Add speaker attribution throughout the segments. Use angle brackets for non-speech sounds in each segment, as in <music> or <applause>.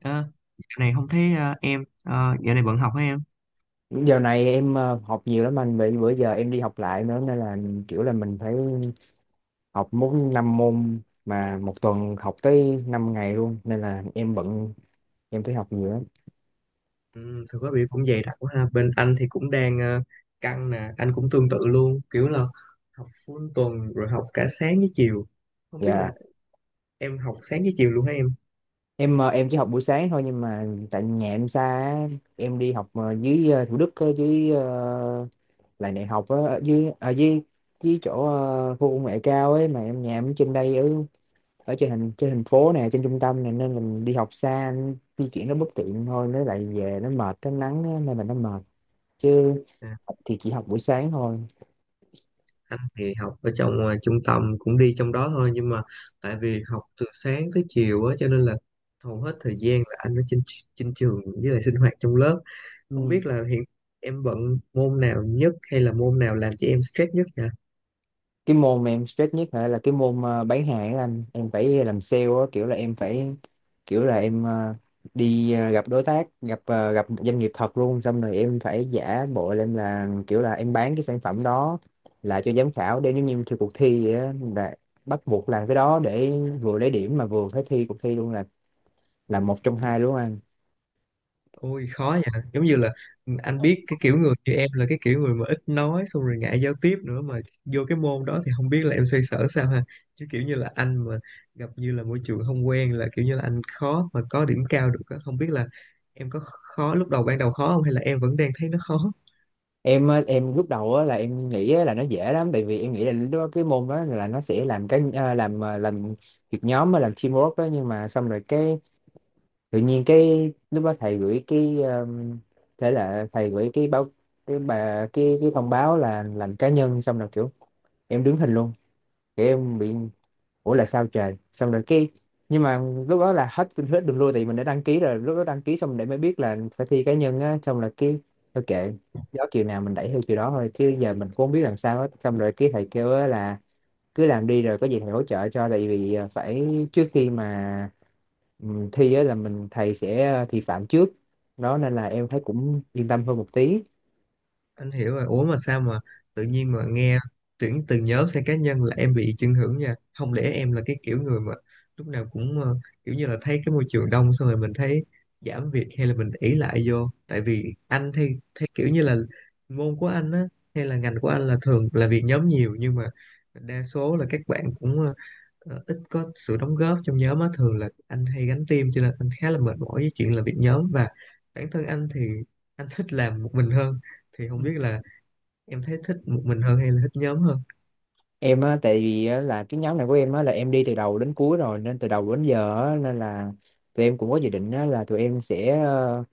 Speaker 1: Ờ, dạo này không thấy em. Ờ, dạo này bận học hả em?
Speaker 2: Giờ này em học nhiều lắm anh, vì bữa giờ em đi học lại nữa nên là kiểu là mình phải học muốn 5 môn, mà một tuần học tới 5 ngày luôn nên là em bận, em phải học nhiều lắm.
Speaker 1: Ừ, thực ra bị cũng dày đặc quá ha. Bên anh thì cũng đang căng nè, anh cũng tương tự luôn, kiểu là học full tuần rồi học cả sáng với chiều. Không biết
Speaker 2: Dạ.
Speaker 1: là em học sáng với chiều luôn hả em?
Speaker 2: Em chỉ học buổi sáng thôi, nhưng mà tại nhà em xa á, em đi học dưới Thủ Đức á, dưới lại đại học á, ở dưới, dưới dưới chỗ khu công nghệ cao ấy, mà em nhà em ở trên đây, ở ở trên thành phố này, trên trung tâm này, nên mình đi học xa, di chuyển nó bất tiện thôi, nó lại về nó mệt cái nắng á, nên là nó mệt, chứ
Speaker 1: À,
Speaker 2: thì chỉ học buổi sáng thôi.
Speaker 1: anh thì học ở trong trung tâm, cũng đi trong đó thôi, nhưng mà tại vì học từ sáng tới chiều á, cho nên là hầu hết thời gian là anh ở trên trên trường với lại sinh hoạt trong lớp. Không
Speaker 2: Ừ.
Speaker 1: biết là hiện em bận môn nào nhất hay là môn nào làm cho em stress nhất nhỉ?
Speaker 2: Cái môn mà em stress nhất hả, là cái môn bán hàng ấy anh, em phải làm sale á, kiểu là em phải kiểu là em đi gặp đối tác, gặp gặp doanh nghiệp thật luôn, xong rồi em phải giả bộ là em là kiểu là em bán cái sản phẩm đó là cho giám khảo, để giống như thi cuộc thi vậy á, là bắt buộc làm cái đó để vừa lấy điểm mà vừa phải thi cuộc thi luôn, là một trong hai đúng không anh?
Speaker 1: Ôi khó nha, giống như là anh biết cái kiểu người như em là cái kiểu người mà ít nói xong rồi ngại giao tiếp nữa, mà vô cái môn đó thì không biết là em xoay sở sao ha. Chứ kiểu như là anh mà gặp như là môi trường không quen là kiểu như là anh khó mà có điểm cao được á. Không biết là em có khó lúc đầu, ban đầu khó không, hay là em vẫn đang thấy nó khó?
Speaker 2: Em á, em lúc đầu á, là em nghĩ á, là nó dễ lắm, tại vì em nghĩ là lúc đó cái môn đó là nó sẽ làm cái làm việc nhóm á, làm teamwork đó, nhưng mà xong rồi cái tự nhiên cái lúc đó thầy gửi cái thế là thầy gửi cái báo cái bà cái thông báo là làm cá nhân, xong rồi kiểu em đứng hình luôn, kiểu em bị ủa là sao trời, xong rồi cái nhưng mà lúc đó là hết hết đường lui, thì mình đã đăng ký rồi, lúc đó đăng ký xong để mới biết là phải thi cá nhân á, xong rồi cái thôi kệ, gió chiều nào mình đẩy theo chiều đó thôi, chứ giờ mình cũng không biết làm sao hết. Xong rồi cái thầy kêu á là cứ làm đi rồi có gì thầy hỗ trợ cho, tại vì phải trước khi mà ừ, thi á là mình thầy sẽ thị phạm trước đó, nên là em thấy cũng yên tâm hơn một tí.
Speaker 1: Anh hiểu rồi. Ủa mà sao mà tự nhiên mà nghe tuyển từ nhóm sang cá nhân là em bị chưng hưởng nha. Không lẽ em là cái kiểu người mà lúc nào cũng kiểu như là thấy cái môi trường đông xong rồi mình thấy giảm việc, hay là mình ỷ lại vô. Tại vì anh thì thấy kiểu như là môn của anh á, hay là ngành của anh là thường là việc nhóm nhiều, nhưng mà đa số là các bạn cũng ít có sự đóng góp trong nhóm á, thường là anh hay gánh team, cho nên anh khá là mệt mỏi với chuyện làm việc nhóm, và bản thân anh thì anh thích làm một mình hơn. Thì không biết là em thấy thích một mình hơn hay là thích nhóm hơn?
Speaker 2: Em á tại vì á, là cái nhóm này của em á là em đi từ đầu đến cuối rồi nên từ đầu đến giờ á, nên là tụi em cũng có dự định á, là tụi em sẽ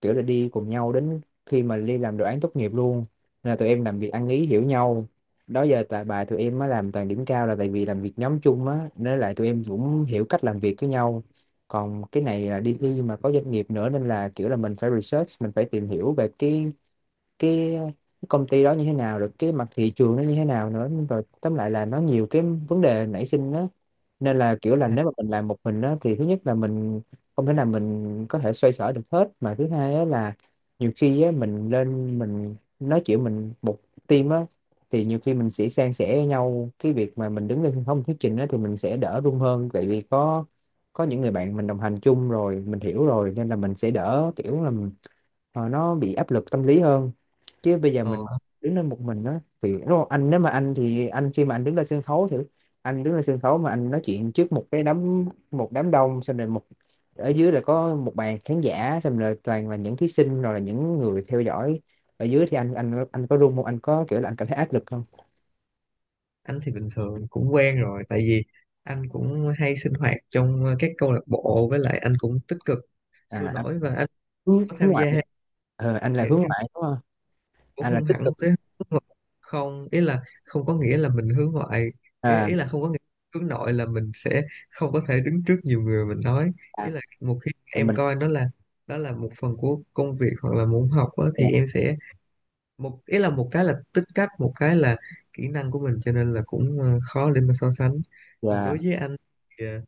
Speaker 2: kiểu là đi cùng nhau đến khi mà đi làm đồ án tốt nghiệp luôn, nên là tụi em làm việc ăn ý hiểu nhau, đó giờ tại bài tụi em á làm toàn điểm cao là tại vì làm việc nhóm chung á, nên lại tụi em cũng hiểu cách làm việc với nhau. Còn cái này là đi thi mà có doanh nghiệp nữa, nên là kiểu là mình phải research, mình phải tìm hiểu về cái cái công ty đó như thế nào, rồi cái mặt thị trường nó như thế nào nữa, rồi tóm lại là nó nhiều cái vấn đề nảy sinh đó, nên là kiểu là nếu mà mình làm một mình đó, thì thứ nhất là mình không thể nào mình có thể xoay sở được hết, mà thứ hai á là nhiều khi á, mình lên mình nói chuyện mình một team á, thì nhiều khi mình sẽ san sẻ với nhau cái việc mà mình đứng lên sân khấu mình thuyết trình á, thì mình sẽ đỡ run hơn, tại vì có những người bạn mình đồng hành chung rồi mình hiểu rồi, nên là mình sẽ đỡ kiểu là mình- nó bị áp lực tâm lý hơn, chứ bây giờ
Speaker 1: ờ,
Speaker 2: mình đứng lên một mình đó thì đúng không anh? Nếu mà anh thì anh khi mà anh đứng lên sân khấu thì anh đứng lên sân khấu mà anh nói chuyện trước một cái đám một đám đông, xong rồi một ở dưới là có một bàn khán giả, xong rồi toàn là những thí sinh rồi là những người theo dõi ở dưới, thì anh có run không, anh có kiểu là anh cảm thấy áp lực không?
Speaker 1: anh thì bình thường cũng quen rồi, tại vì anh cũng hay sinh hoạt trong các câu lạc bộ, với lại anh cũng tích cực sôi
Speaker 2: À anh
Speaker 1: nổi và anh
Speaker 2: hướng,
Speaker 1: có
Speaker 2: hướng
Speaker 1: tham
Speaker 2: ngoại,
Speaker 1: gia
Speaker 2: anh là
Speaker 1: dẫn
Speaker 2: hướng
Speaker 1: chương.
Speaker 2: ngoại đúng không?
Speaker 1: Cũng
Speaker 2: Anh là
Speaker 1: không
Speaker 2: tích
Speaker 1: hẳn
Speaker 2: cực.
Speaker 1: tới hướng ngoại, không, ý là không có nghĩa là mình hướng ngoại. ý,
Speaker 2: À,
Speaker 1: ý là không có nghĩa hướng nội là mình sẽ không có thể đứng trước nhiều người mình nói.
Speaker 2: à
Speaker 1: Ý là một khi em
Speaker 2: mình
Speaker 1: coi nó là đó là một phần của công việc hoặc là môn học á,
Speaker 2: yeah,
Speaker 1: thì em sẽ một, ý là một cái là tính cách, một cái là kỹ năng của mình, cho nên là cũng khó để mà so sánh. Còn đối với anh thì ờ,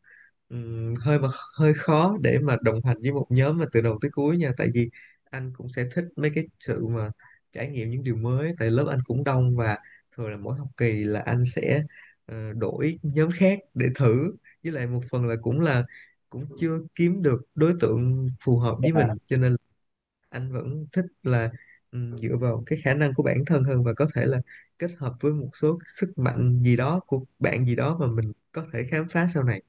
Speaker 1: ừm, hơi mà hơi khó để mà đồng hành với một nhóm mà từ đầu tới cuối nha, tại vì anh cũng sẽ thích mấy cái sự mà trải nghiệm những điều mới, tại lớp anh cũng đông và thường là mỗi học kỳ là anh sẽ đổi nhóm khác để thử, với lại một phần là cũng chưa kiếm được đối tượng phù hợp với
Speaker 2: yeah,
Speaker 1: mình, cho nên anh vẫn thích là dựa vào cái khả năng của bản thân hơn và có thể là kết hợp với một số cái sức mạnh gì đó của bạn gì đó mà mình có thể khám phá sau này.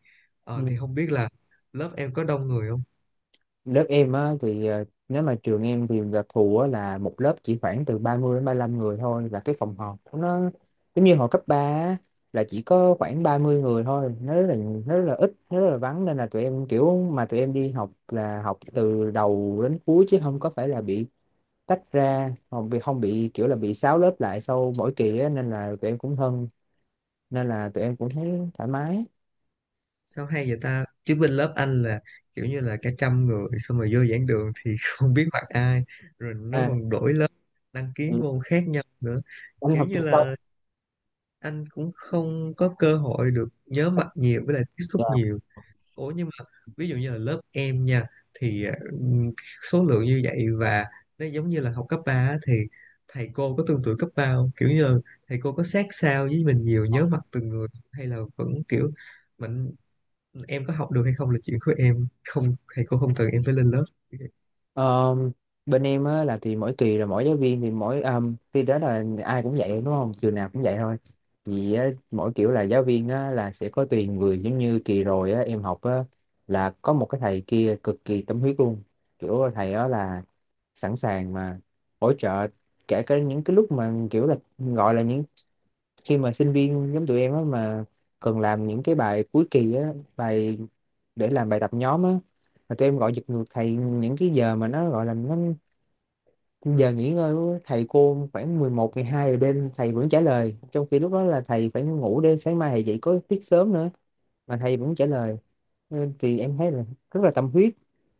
Speaker 1: ờ,
Speaker 2: yeah.
Speaker 1: thì không biết là lớp em có đông người không?
Speaker 2: Lớp em á thì ờ, nếu mà trường em thì đặc thù á, là một lớp chỉ khoảng từ 30 đến ba lăm người thôi, và cái phòng họp của nó giống như hồi cấp 3 á, là chỉ có khoảng 30 người thôi, nó rất là ít, nó rất là vắng, nên là tụi em kiểu mà tụi em đi học là học từ đầu đến cuối, chứ không có phải là bị tách ra, không bị không bị kiểu là bị sáu lớp lại sau mỗi kỳ á, nên là tụi em cũng thân, nên là tụi em cũng thấy thoải mái.
Speaker 1: Sao hay vậy ta, chứ bên lớp anh là kiểu như là cả trăm người, xong rồi vô giảng đường thì <laughs> không biết mặt ai, rồi nó
Speaker 2: À,
Speaker 1: còn đổi lớp, đăng
Speaker 2: ừ,
Speaker 1: ký môn khác nhau nữa,
Speaker 2: anh
Speaker 1: kiểu
Speaker 2: học
Speaker 1: như
Speaker 2: trung tâm.
Speaker 1: là anh cũng không có cơ hội được nhớ mặt nhiều với lại tiếp xúc nhiều. Ủa nhưng mà ví dụ như là lớp em nha, thì ừm, số lượng như vậy và nó giống như là học cấp 3 á, thì thầy cô có tương tự cấp 3 không? Kiểu như là thầy cô có sát sao với mình nhiều, nhớ mặt từng người, hay là vẫn kiểu mình, em có học được hay không là chuyện của em, không thầy cô không cần em phải lên lớp.
Speaker 2: Ờ, bên em á là thì mỗi kỳ là mỗi giáo viên thì mỗi thì đó là ai cũng vậy đúng không, trường nào cũng vậy thôi, vì á, mỗi kiểu là giáo viên á, là sẽ có tùy người, giống như kỳ rồi á, em học á, là có một cái thầy kia cực kỳ tâm huyết luôn, kiểu thầy đó là sẵn sàng mà hỗ trợ kể cả những cái lúc mà kiểu là gọi là những khi mà sinh viên giống tụi em á mà cần làm những cái bài cuối kỳ á, bài để làm bài tập nhóm á, mà tụi em gọi giật ngược thầy những cái giờ mà nó gọi là nó giờ nghỉ ngơi của thầy cô khoảng 11, 12 giờ đêm, thầy vẫn trả lời, trong khi lúc đó là thầy phải ngủ để sáng mai thầy dậy có tiết sớm nữa, mà thầy vẫn trả lời. Ừ, thì em thấy là rất là tâm huyết,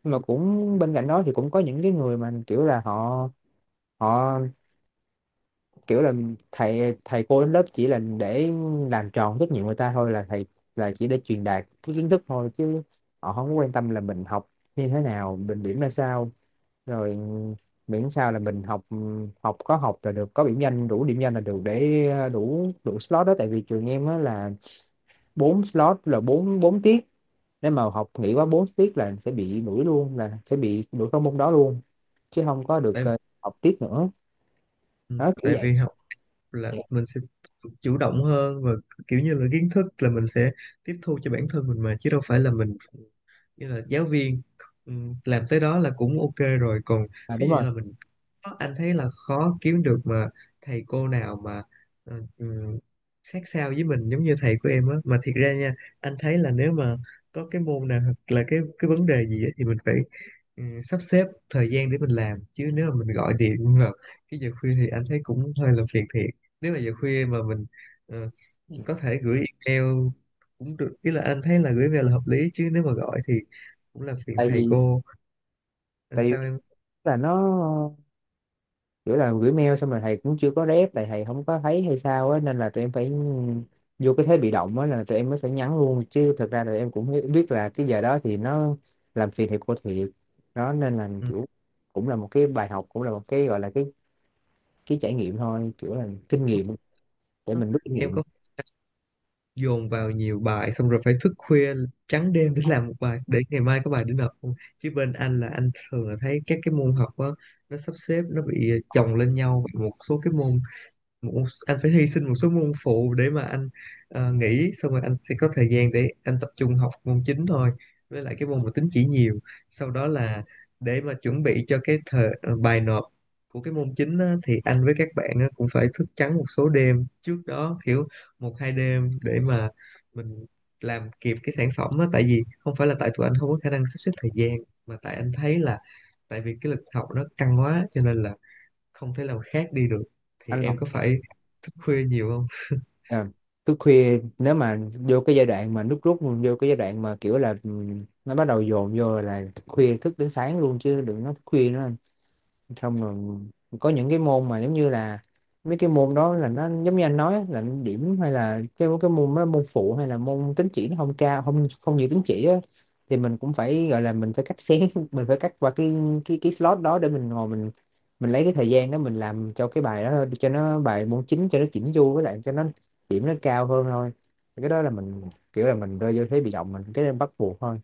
Speaker 2: nhưng mà cũng bên cạnh đó thì cũng có những cái người mà kiểu là họ họ kiểu là thầy thầy cô đến lớp chỉ là để làm tròn trách nhiệm người ta thôi, là thầy là chỉ để truyền đạt cái kiến thức thôi, chứ họ không có quan tâm là mình học như thế nào, mình điểm ra sao, rồi miễn sao là mình học học có học là được, có điểm danh đủ điểm danh là được, để đủ đủ slot đó, tại vì trường em á là bốn slot là bốn bốn tiết, nếu mà học nghỉ quá bốn tiết là sẽ bị đuổi luôn, là sẽ bị đuổi các môn đó luôn, chứ không có được
Speaker 1: tại
Speaker 2: học tiếp nữa,
Speaker 1: ừ,
Speaker 2: đó kiểu
Speaker 1: tại
Speaker 2: vậy.
Speaker 1: vì học là mình sẽ chủ động hơn và kiểu như là kiến thức là mình sẽ tiếp thu cho bản thân mình mà, chứ đâu phải là mình, nghĩa là giáo viên làm tới đó là cũng ok rồi. Còn
Speaker 2: À,
Speaker 1: ví
Speaker 2: đúng
Speaker 1: dụ
Speaker 2: rồi.
Speaker 1: như là mình anh thấy là khó kiếm được mà thầy cô nào mà ờ, ừm, sát sao với mình giống như thầy của em á, mà thiệt ra nha, anh thấy là nếu mà có cái môn nào hoặc là cái vấn đề gì á, thì mình phải sắp xếp thời gian để mình làm, chứ nếu mà mình gọi điện <laughs> vào cái giờ khuya thì anh thấy cũng hơi là phiền thiệt. Nếu mà giờ khuya mà mình ờ, có thể gửi email cũng được, ý là anh thấy là gửi email là hợp lý, chứ nếu mà gọi thì cũng là phiền
Speaker 2: Tại
Speaker 1: thầy
Speaker 2: vì
Speaker 1: cô. Anh
Speaker 2: tại vì
Speaker 1: sao em?
Speaker 2: là nó kiểu là gửi mail xong rồi thầy cũng chưa có rep, tại thầy không có thấy hay sao á, nên là tụi em phải vô cái thế bị động á, là tụi em mới phải nhắn luôn, chứ thực ra là em cũng hi- biết là cái giờ đó thì nó làm phiền thầy cô thiệt, đó nên là
Speaker 1: Ừ,
Speaker 2: kiểu cũng là một cái bài học, cũng là một cái gọi là cái trải nghiệm thôi, kiểu là kinh nghiệm để mình rút kinh
Speaker 1: em
Speaker 2: nghiệm.
Speaker 1: có <laughs> dồn vào nhiều bài xong rồi phải thức khuya trắng đêm để làm một bài để ngày mai có bài để nộp không? Chứ bên anh là anh thường là thấy các cái môn học á, nó sắp xếp nó bị chồng lên nhau một số cái môn. Anh phải hy sinh một số môn phụ để mà anh nghỉ, xong rồi anh sẽ có thời gian để anh tập trung học môn chính thôi, với lại cái môn mà tính chỉ nhiều. Sau đó là để mà chuẩn bị cho cái thời bài nộp của cái môn chính á, thì anh với các bạn á, cũng phải thức trắng một số đêm trước đó, kiểu một hai đêm để mà mình làm kịp cái sản phẩm á, tại vì không phải là tại tụi anh không có khả năng sắp xếp thời gian, mà tại anh thấy là tại vì cái lịch học nó căng quá, cho nên là không thể làm khác đi được. Thì
Speaker 2: Anh học,
Speaker 1: em có phải thức khuya nhiều không?
Speaker 2: à, thức khuya nếu mà vô cái giai đoạn mà nước rút, vô cái giai đoạn mà kiểu là ừ, nó bắt đầu dồn vô là thức khuya thức đến sáng luôn, chứ đừng nói thức khuya nữa, xong rồi có những cái môn mà giống như là mấy cái môn đó là nó giống như anh nói á, là điểm hay là cái môn đó, môn phụ hay là môn tín chỉ nó không cao không không nhiều tín chỉ á, thì mình cũng phải gọi là mình phải cắt xén <laughs> mình phải cắt qua cái cái slot đó để mình ngồi mình lấy cái thời gian đó mình làm cho cái bài đó thôi, cho nó bài môn chính cho nó chỉnh chu, với lại cho nó điểm nó cao hơn thôi. Thì cái đó là mình kiểu là mình rơi vô thế bị động mình cái nên bắt buộc thôi,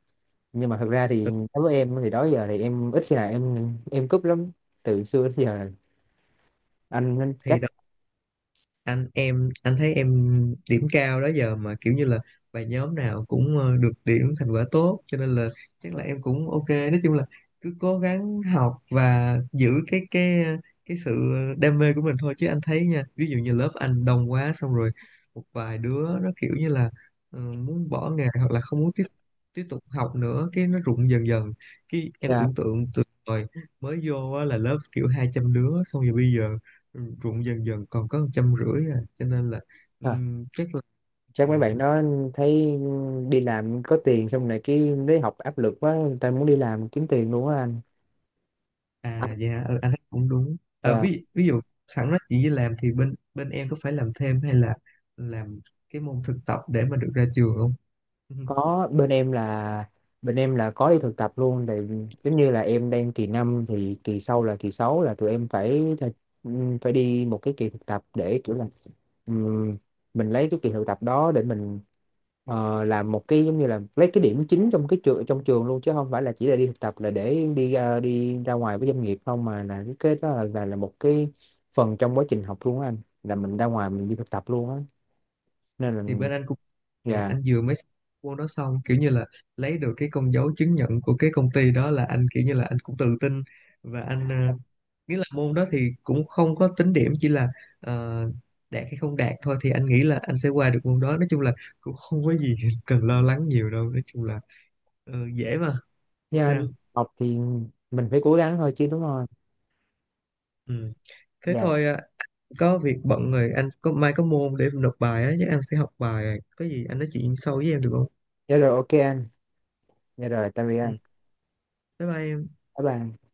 Speaker 2: nhưng mà thật ra thì
Speaker 1: Ừ,
Speaker 2: đối với em thì đó giờ thì em ít khi nào em cúp lắm, từ xưa đến giờ. Anh
Speaker 1: thì
Speaker 2: chắc
Speaker 1: đó, anh em anh thấy em điểm cao đó giờ mà, kiểu như là bài nhóm nào cũng được điểm thành quả tốt, cho nên là chắc là em cũng ok. Nói chung là cứ cố gắng học và giữ cái cái sự đam mê của mình thôi. Chứ anh thấy nha, ví dụ như lớp anh đông quá xong rồi một vài đứa nó kiểu như là muốn bỏ nghề hoặc là không muốn tiếp tiếp tục học nữa, cái nó rụng dần dần. Cái em
Speaker 2: à,
Speaker 1: tưởng tượng từ hồi mới vô á, là lớp kiểu 200 đứa, xong rồi bây giờ ruộng dần dần còn có 150 à, cho nên là
Speaker 2: à,
Speaker 1: chắc là
Speaker 2: chắc mấy
Speaker 1: ừm,
Speaker 2: bạn đó thấy đi làm có tiền xong này cái lấy học áp lực quá, người ta muốn đi làm kiếm tiền luôn á anh. Anh
Speaker 1: À dạ ừ, anh thấy cũng đúng. À,
Speaker 2: à,
Speaker 1: ví ví dụ sẵn nó chỉ làm, thì bên bên em có phải làm thêm hay là làm cái môn thực tập để mà được ra trường không? <laughs> Ừ.
Speaker 2: có bên em là có đi thực tập luôn, thì giống như là em đang kỳ 5 thì kỳ sau là kỳ 6 là tụi em phải là, phải đi một cái kỳ thực tập để kiểu là ừm, mình lấy cái kỳ thực tập đó để mình làm một cái giống như là lấy cái điểm chính trong cái trường trong trường luôn, chứ không phải là chỉ là đi thực tập là để đi ra ngoài với doanh nghiệp không, mà là cái đó là một cái phần trong quá trình học luôn á anh, là mình ra ngoài mình đi thực tập luôn á, nên là
Speaker 1: Thì bên anh cũng
Speaker 2: dạ.
Speaker 1: anh vừa mới xong môn đó, xong kiểu như là lấy được cái con dấu chứng nhận của cái công ty đó là anh kiểu như là anh cũng tự tin. Và anh nghĩa là môn đó thì cũng không có tính điểm, chỉ là ờ, đạt hay không đạt thôi, thì anh nghĩ là anh sẽ qua được môn đó. Nói chung là cũng không có gì <laughs> cần lo lắng nhiều đâu, nói chung là dễ mà, không
Speaker 2: Dạ, anh.
Speaker 1: sao.
Speaker 2: Học thì mình phải cố gắng thôi chứ đúng không?
Speaker 1: Ừ. Thế
Speaker 2: Dạ,
Speaker 1: thôi à, có việc bận rồi, anh có mai có môn để nộp bài á, chứ anh phải học bài, có gì anh nói chuyện sau với em được không?
Speaker 2: dạ rồi ok anh. Dạ rồi, tạm biệt
Speaker 1: Ừ.
Speaker 2: anh.
Speaker 1: Bye bye em.
Speaker 2: Bye bye.